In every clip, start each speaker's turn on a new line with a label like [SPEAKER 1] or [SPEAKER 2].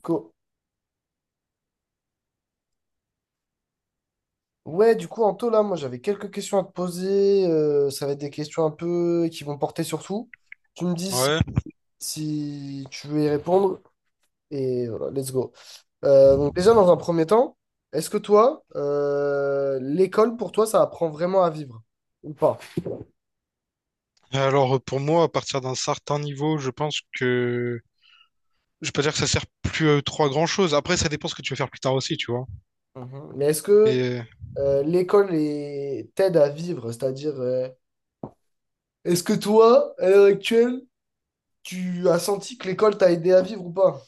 [SPEAKER 1] Co- Ouais, du coup, Anto, là, moi, j'avais quelques questions à te poser. Ça va être des questions un peu qui vont porter sur tout. Tu me dis si,
[SPEAKER 2] Ouais.
[SPEAKER 1] si tu veux y répondre. Et voilà, let's go. Donc, déjà, dans un premier temps, est-ce que toi, l'école, pour toi, ça apprend vraiment à vivre ou pas?
[SPEAKER 2] Alors, pour moi, à partir d'un certain niveau, je pense que je peux pas dire que ça sert plus à trois grand-chose. Après, ça dépend ce que tu veux faire plus tard aussi, tu vois.
[SPEAKER 1] Mhm. Mais est-ce que
[SPEAKER 2] Mais
[SPEAKER 1] t'aide à vivre? C'est-à-dire, est-ce que toi, à l'heure actuelle, tu as senti que l'école t'a aidé à vivre ou pas?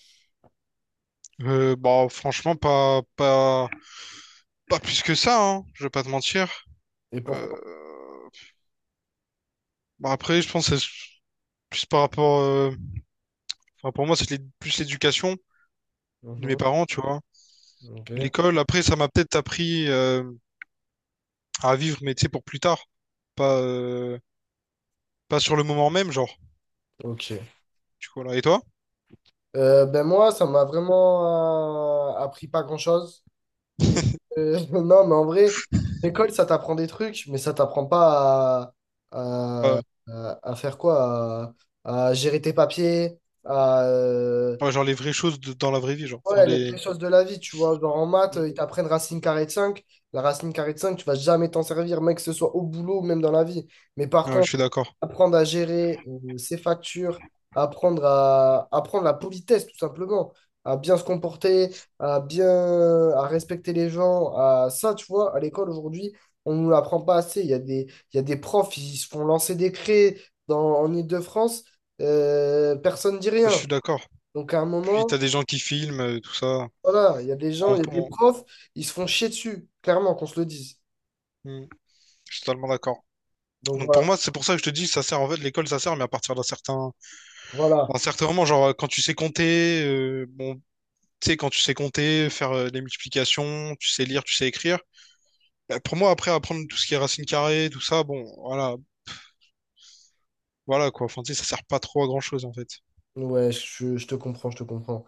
[SPEAKER 2] bah franchement, pas plus que ça, hein. Je vais pas te mentir.
[SPEAKER 1] Et
[SPEAKER 2] Euh,
[SPEAKER 1] pourquoi?
[SPEAKER 2] bah après, je pense que c'est plus par rapport. Enfin pour moi, c'est plus l'éducation de mes
[SPEAKER 1] Mhm.
[SPEAKER 2] parents, tu vois.
[SPEAKER 1] Ok.
[SPEAKER 2] L'école. Après, ça m'a peut-être appris à vivre, mais tu sais pour plus tard, pas euh, pas sur le moment même, genre.
[SPEAKER 1] Ok.
[SPEAKER 2] Du coup, là. Et toi?
[SPEAKER 1] Ben moi, ça m'a vraiment appris pas grand-chose. Non, mais en vrai, l'école, ça t'apprend des trucs, mais ça t'apprend pas à,
[SPEAKER 2] Pas-
[SPEAKER 1] à faire quoi? À gérer tes papiers, à... euh,
[SPEAKER 2] Ouais, genre les vraies choses de- dans la vraie vie, genre. Enfin,
[SPEAKER 1] ouais, les
[SPEAKER 2] les...
[SPEAKER 1] vraies choses de la vie, tu vois. Genre en maths,
[SPEAKER 2] Mm.
[SPEAKER 1] ils t'apprennent racine carrée de 5. La racine carrée de 5, tu vas jamais t'en servir, mec, que ce soit au boulot ou même dans la vie. Mais par
[SPEAKER 2] Ouais, je
[SPEAKER 1] contre,
[SPEAKER 2] suis d'accord.
[SPEAKER 1] apprendre à gérer ses factures, apprendre à apprendre la politesse tout simplement, à bien se comporter, à bien à respecter les gens, à ça tu vois, à l'école aujourd'hui, on ne nous l'apprend pas assez, il y a des il y a des profs, ils se font lancer des craies dans en Île-de-France, personne ne dit
[SPEAKER 2] Je
[SPEAKER 1] rien.
[SPEAKER 2] suis d'accord.
[SPEAKER 1] Donc à un
[SPEAKER 2] Puis t'as
[SPEAKER 1] moment,
[SPEAKER 2] des gens qui filment, tout ça.
[SPEAKER 1] voilà, il y a des gens,
[SPEAKER 2] On,
[SPEAKER 1] il y a des
[SPEAKER 2] on-
[SPEAKER 1] profs, ils se font chier dessus, clairement qu'on se le dise.
[SPEAKER 2] Mm. Je suis totalement d'accord.
[SPEAKER 1] Donc
[SPEAKER 2] Donc pour
[SPEAKER 1] voilà,
[SPEAKER 2] moi, c'est pour ça que je te dis, ça sert en fait l'école, ça sert, mais à partir
[SPEAKER 1] voilà.
[SPEAKER 2] d'un certain moment, genre, quand tu sais compter, bon, tu sais quand tu sais compter, faire des multiplications, tu sais lire, tu sais écrire. Bah, pour moi, après apprendre tout ce qui est racine carrée, tout ça, bon, voilà, voilà quoi. Enfin, tu sais, ça sert pas trop à grand chose en fait.
[SPEAKER 1] Ouais, je te comprends, je te comprends.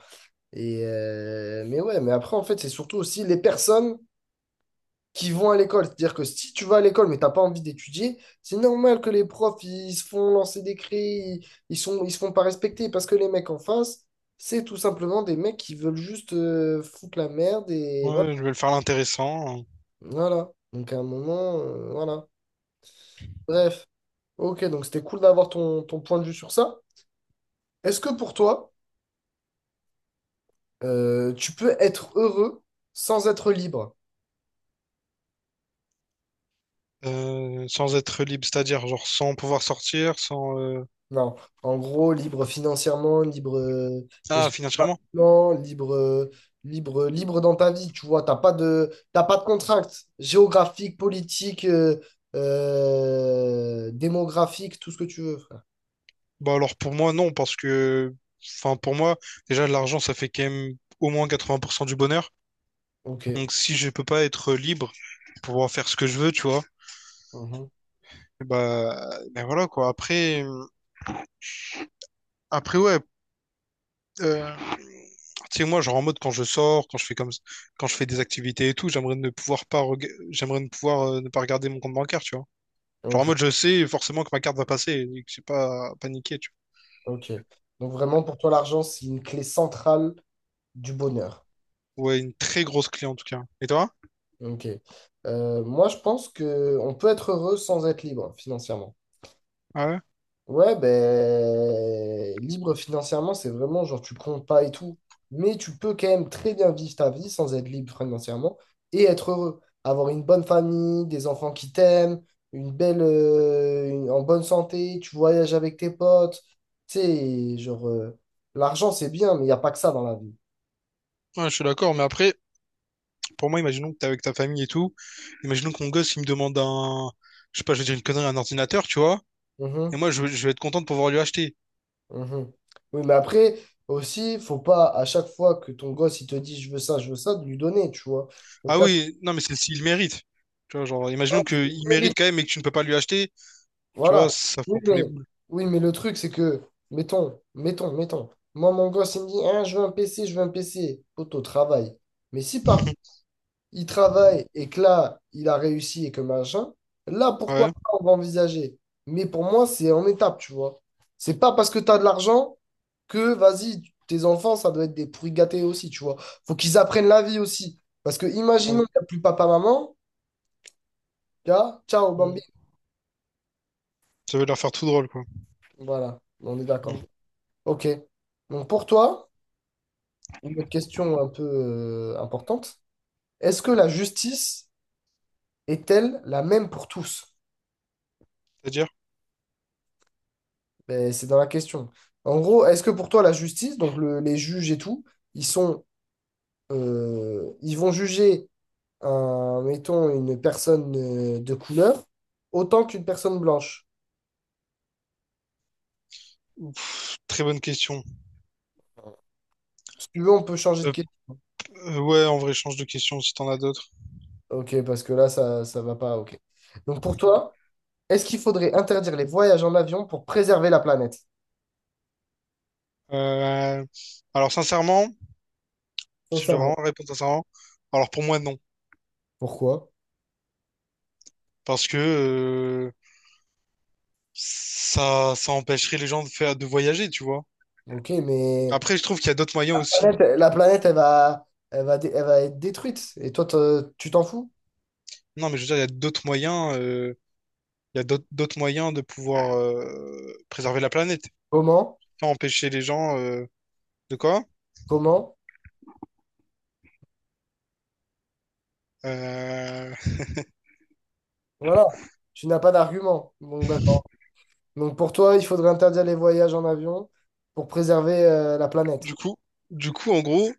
[SPEAKER 1] Et mais ouais, mais après, en fait, c'est surtout aussi les personnes qui vont à l'école. C'est-à-dire que si tu vas à l'école mais t'as pas envie d'étudier, c'est normal que les profs, ils se font lancer des cris, ils sont, ils se font pas respecter parce que les mecs en face, c'est tout simplement des mecs qui veulent juste foutre la merde et voilà.
[SPEAKER 2] Ouais, je vais le faire l'intéressant,
[SPEAKER 1] Voilà. Donc à un moment, voilà. Bref. Ok, donc c'était cool d'avoir ton, ton point de vue sur ça. Est-ce que pour toi, tu peux être heureux sans être libre?
[SPEAKER 2] sans être libre, c'est-à-dire genre sans pouvoir sortir, sans.
[SPEAKER 1] Non, en gros, libre financièrement, libre
[SPEAKER 2] Ah, financièrement?
[SPEAKER 1] géographiquement, libre, libre, libre dans ta vie, tu vois, t'as pas de contraintes géographiques, politiques, démographiques, tout ce que tu veux, frère.
[SPEAKER 2] Bah alors pour moi, non, parce que, enfin pour moi, déjà l'argent, ça fait quand même au moins 80% du bonheur.
[SPEAKER 1] Ok.
[SPEAKER 2] Donc si je peux pas être libre pour pouvoir faire ce que je veux, tu vois,
[SPEAKER 1] Mhm.
[SPEAKER 2] bah, ben voilà quoi. Après, ouais, euh, tu sais moi, genre en mode quand je sors, quand je fais comme, quand je fais des activités et tout, j'aimerais ne pouvoir ne pas regarder mon compte bancaire, tu vois. Genre en
[SPEAKER 1] Ok.
[SPEAKER 2] mode je sais forcément que ma carte va passer et que j'ai pas à paniquer, tu
[SPEAKER 1] Ok. Donc vraiment, pour toi, l'argent, c'est une clé centrale du bonheur.
[SPEAKER 2] vois. Ouais, une très grosse clé en tout cas. Et toi?
[SPEAKER 1] Ok. Moi, je pense que on peut être heureux sans être libre financièrement.
[SPEAKER 2] Ouais,
[SPEAKER 1] Ouais, ben, libre financièrement, c'est vraiment genre tu comptes pas et tout. Mais tu peux quand même très bien vivre ta vie sans être libre financièrement et être heureux. Avoir une bonne famille, des enfants qui t'aiment, une belle, en bonne santé, tu voyages avec tes potes. Tu sais, genre, l'argent c'est bien, mais il n'y a pas que ça dans la vie.
[SPEAKER 2] ouais, je suis d'accord, mais après. Pour moi, imaginons que t'es avec ta famille et tout. Imaginons que mon gosse, il me demande un, je sais pas, je vais dire une connerie, un ordinateur, tu vois. Et
[SPEAKER 1] Mhm,
[SPEAKER 2] moi, je vais être content de pouvoir lui acheter.
[SPEAKER 1] mhm. Oui, mais après, aussi, faut pas à chaque fois que ton gosse il te dit je veux ça, de lui donner, tu vois. Donc,
[SPEAKER 2] Ah oui, non, mais c'est s'il mérite. Tu vois, genre, imaginons qu'il mérite quand même et que tu ne peux pas lui acheter. Tu vois,
[SPEAKER 1] voilà.
[SPEAKER 2] ça
[SPEAKER 1] Oui,
[SPEAKER 2] fait un
[SPEAKER 1] mais,
[SPEAKER 2] peu les boules.
[SPEAKER 1] oui, mais le truc, c'est que, mettons, mettons, mettons, moi, mon gosse, il me dit, hein, je veux un PC, je veux un PC. Poto, travaille. Mais si par contre, il travaille et que là, il a réussi et que machin, là, pourquoi
[SPEAKER 2] Ouais,
[SPEAKER 1] pas, on va envisager. Mais pour moi, c'est en étape, tu vois. C'est pas parce que tu as de l'argent que, vas-y, tes enfants, ça doit être des pourris gâtés aussi, tu vois. Faut qu'ils apprennent la vie aussi. Parce que,
[SPEAKER 2] ouais.
[SPEAKER 1] imaginons qu'il n'y a plus papa-maman, ciao, Bambi.
[SPEAKER 2] Mm. Ça veut leur faire tout drôle, quoi.
[SPEAKER 1] Voilà, on est d'accord.
[SPEAKER 2] Mm.
[SPEAKER 1] OK. Donc, pour toi, une autre question un peu importante. Est-ce que la justice est-elle la même pour tous?
[SPEAKER 2] C'est-à-dire?
[SPEAKER 1] Ben, c'est dans la question. En gros, est-ce que pour toi, la justice, donc les juges et tout, ils sont, ils vont juger, un, mettons, une personne de couleur autant qu'une personne blanche?
[SPEAKER 2] Ouf, très bonne question.
[SPEAKER 1] Si tu veux, on peut changer de
[SPEAKER 2] Euh,
[SPEAKER 1] question.
[SPEAKER 2] ouais, en vrai, change de question si t'en as d'autres.
[SPEAKER 1] Ok, parce que là, ça va pas. Ok. Donc pour toi, est-ce qu'il faudrait interdire les voyages en avion pour préserver la planète?
[SPEAKER 2] Euh, alors, sincèrement, si je dois
[SPEAKER 1] Sincèrement.
[SPEAKER 2] vraiment répondre sincèrement, alors pour moi, non.
[SPEAKER 1] Pourquoi?
[SPEAKER 2] Parce que ça, ça empêcherait les gens de faire, de voyager, tu vois.
[SPEAKER 1] Ok, mais
[SPEAKER 2] Après, je trouve qu'il y a d'autres moyens aussi.
[SPEAKER 1] planète, la planète, elle va, elle va, elle va être détruite. Et toi, tu t'en fous?
[SPEAKER 2] Non, mais je veux dire, il y a d'autres moyens, il y a d'autres moyens de pouvoir préserver la planète,
[SPEAKER 1] Comment?
[SPEAKER 2] pas empêcher les gens de quoi?
[SPEAKER 1] Comment?
[SPEAKER 2] Euh,
[SPEAKER 1] Voilà. Tu n'as pas d'argument. Donc, d'accord. Donc, pour toi, il faudrait interdire les voyages en avion pour préserver la planète.
[SPEAKER 2] du coup, du coup, en gros,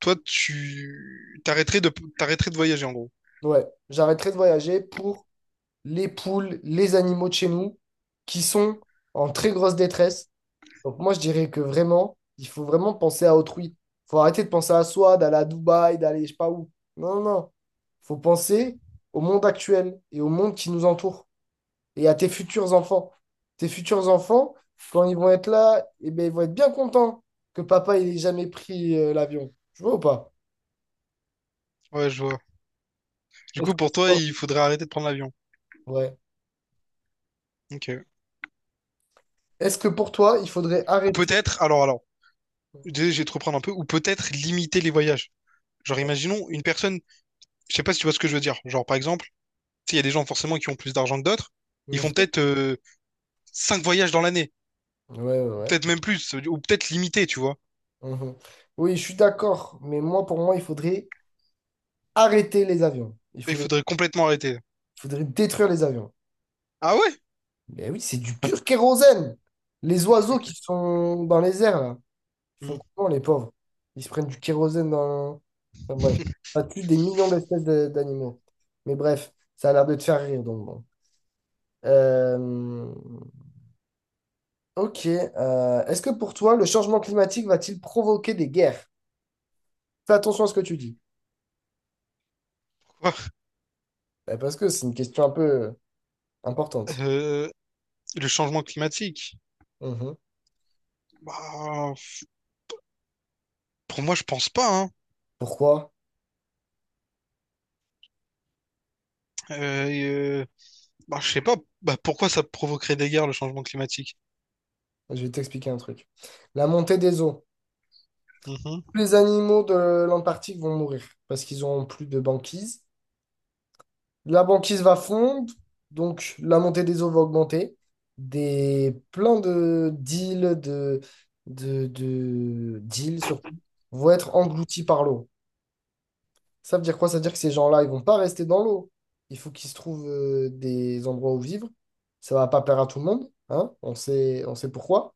[SPEAKER 2] toi, tu t'arrêterais de voyager, en gros.
[SPEAKER 1] Ouais. J'arrêterai de voyager pour les poules, les animaux de chez nous qui sont en très grosse détresse. Donc moi, je dirais que vraiment, il faut vraiment penser à autrui. Faut arrêter de penser à soi, d'aller à Dubaï, d'aller je sais pas où. Non, non, non. Faut penser au monde actuel et au monde qui nous entoure et à tes futurs enfants. Tes futurs enfants, quand ils vont être là, eh ben, ils vont être bien contents que papa il ait jamais pris l'avion. Tu vois ou pas?
[SPEAKER 2] Ouais, je vois. Du
[SPEAKER 1] Est-ce
[SPEAKER 2] coup, pour
[SPEAKER 1] que...
[SPEAKER 2] toi, il faudrait arrêter de prendre l'avion.
[SPEAKER 1] Ouais.
[SPEAKER 2] Ok.
[SPEAKER 1] Est-ce que pour toi, il faudrait
[SPEAKER 2] Ou
[SPEAKER 1] arrêter...
[SPEAKER 2] peut-être, alors, désolé, je vais te reprendre un peu. Ou peut-être limiter les voyages. Genre, imaginons une personne. Je sais pas si tu vois ce que je veux dire. Genre, par exemple. Sais, il y a des gens forcément qui ont plus d'argent que d'autres. Ils font
[SPEAKER 1] Mhm.
[SPEAKER 2] peut-être 5 voyages dans l'année,
[SPEAKER 1] Ouais, ouais, ouais.
[SPEAKER 2] peut-être même plus, ou peut-être limité, tu vois.
[SPEAKER 1] Mhm. Oui, je suis d'accord, mais moi, pour moi, il faudrait arrêter les avions. Il
[SPEAKER 2] Il
[SPEAKER 1] faudrait
[SPEAKER 2] faudrait complètement arrêter.
[SPEAKER 1] faudrait détruire les avions.
[SPEAKER 2] Ah ouais?
[SPEAKER 1] Mais oui, c'est du pur kérosène. Les oiseaux
[SPEAKER 2] Ok.
[SPEAKER 1] qui sont dans les airs, là, ils
[SPEAKER 2] Hmm.
[SPEAKER 1] font comment, les pauvres? Ils se prennent du kérosène dans... Enfin, bref, ça tue des millions d'espèces d'animaux. Mais bref, ça a l'air de te faire rire, donc bon. Euh, Ok. Est-ce que pour toi, le changement climatique va-t-il provoquer des guerres? Fais attention à ce que tu dis.
[SPEAKER 2] Quoi?
[SPEAKER 1] Eh, parce que c'est une question un peu importante.
[SPEAKER 2] Euh, le changement climatique?
[SPEAKER 1] Mhm.
[SPEAKER 2] Bah, pour moi, je pense pas, hein.
[SPEAKER 1] Pourquoi?
[SPEAKER 2] Euh, et, euh, bah, je sais pas. Bah, pourquoi ça provoquerait des guerres, le changement climatique?
[SPEAKER 1] Je vais t'expliquer un truc. La montée des eaux.
[SPEAKER 2] Mhm,
[SPEAKER 1] Tous les animaux de l'Antarctique vont mourir parce qu'ils n'auront plus de banquise. La banquise va fondre, donc la montée des eaux va augmenter. Des, plein de d'îles, de, d'îles surtout, vont être englouties par l'eau. Ça veut dire quoi? Ça veut dire que ces gens-là, ils vont pas rester dans l'eau. Il faut qu'ils se trouvent des endroits où vivre. Ça va pas plaire à tout le monde, hein? On sait pourquoi.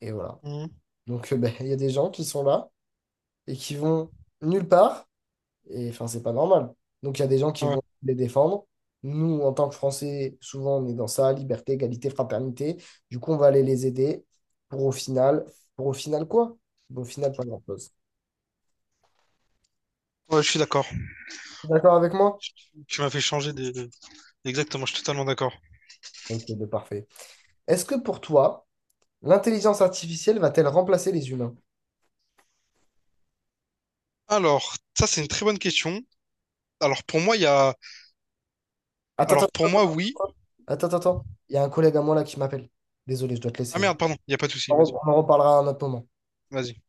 [SPEAKER 1] Et voilà.
[SPEAKER 2] mhm.
[SPEAKER 1] Donc, ben, il y a des gens qui sont là et qui vont nulle part. Et enfin, c'est pas normal. Donc, il y a des gens qui
[SPEAKER 2] Ouais.
[SPEAKER 1] vont les défendre. Nous, en tant que Français, souvent, on est dans ça, liberté, égalité, fraternité. Du coup, on va aller les aider pour au final, pour au final quoi? Au final, pas grand-chose.
[SPEAKER 2] Ouais, je suis d'accord.
[SPEAKER 1] D'accord avec moi?
[SPEAKER 2] Tu, tu m'as fait changer exactement, je suis totalement d'accord.
[SPEAKER 1] Ok, de parfait. Est-ce que pour toi, l'intelligence artificielle va-t-elle remplacer les humains?
[SPEAKER 2] Alors, ça, c'est une très bonne question. Alors, pour moi, il y a...
[SPEAKER 1] Attends, attends,
[SPEAKER 2] Alors, pour
[SPEAKER 1] attends,
[SPEAKER 2] moi, oui.
[SPEAKER 1] attends, attends, attends. Il y a un collègue à moi là qui m'appelle. Désolé, je dois te
[SPEAKER 2] Ah
[SPEAKER 1] laisser.
[SPEAKER 2] merde, pardon, il n'y a pas de souci,
[SPEAKER 1] On
[SPEAKER 2] vas-y.
[SPEAKER 1] en reparlera à un autre moment.
[SPEAKER 2] Vas-y.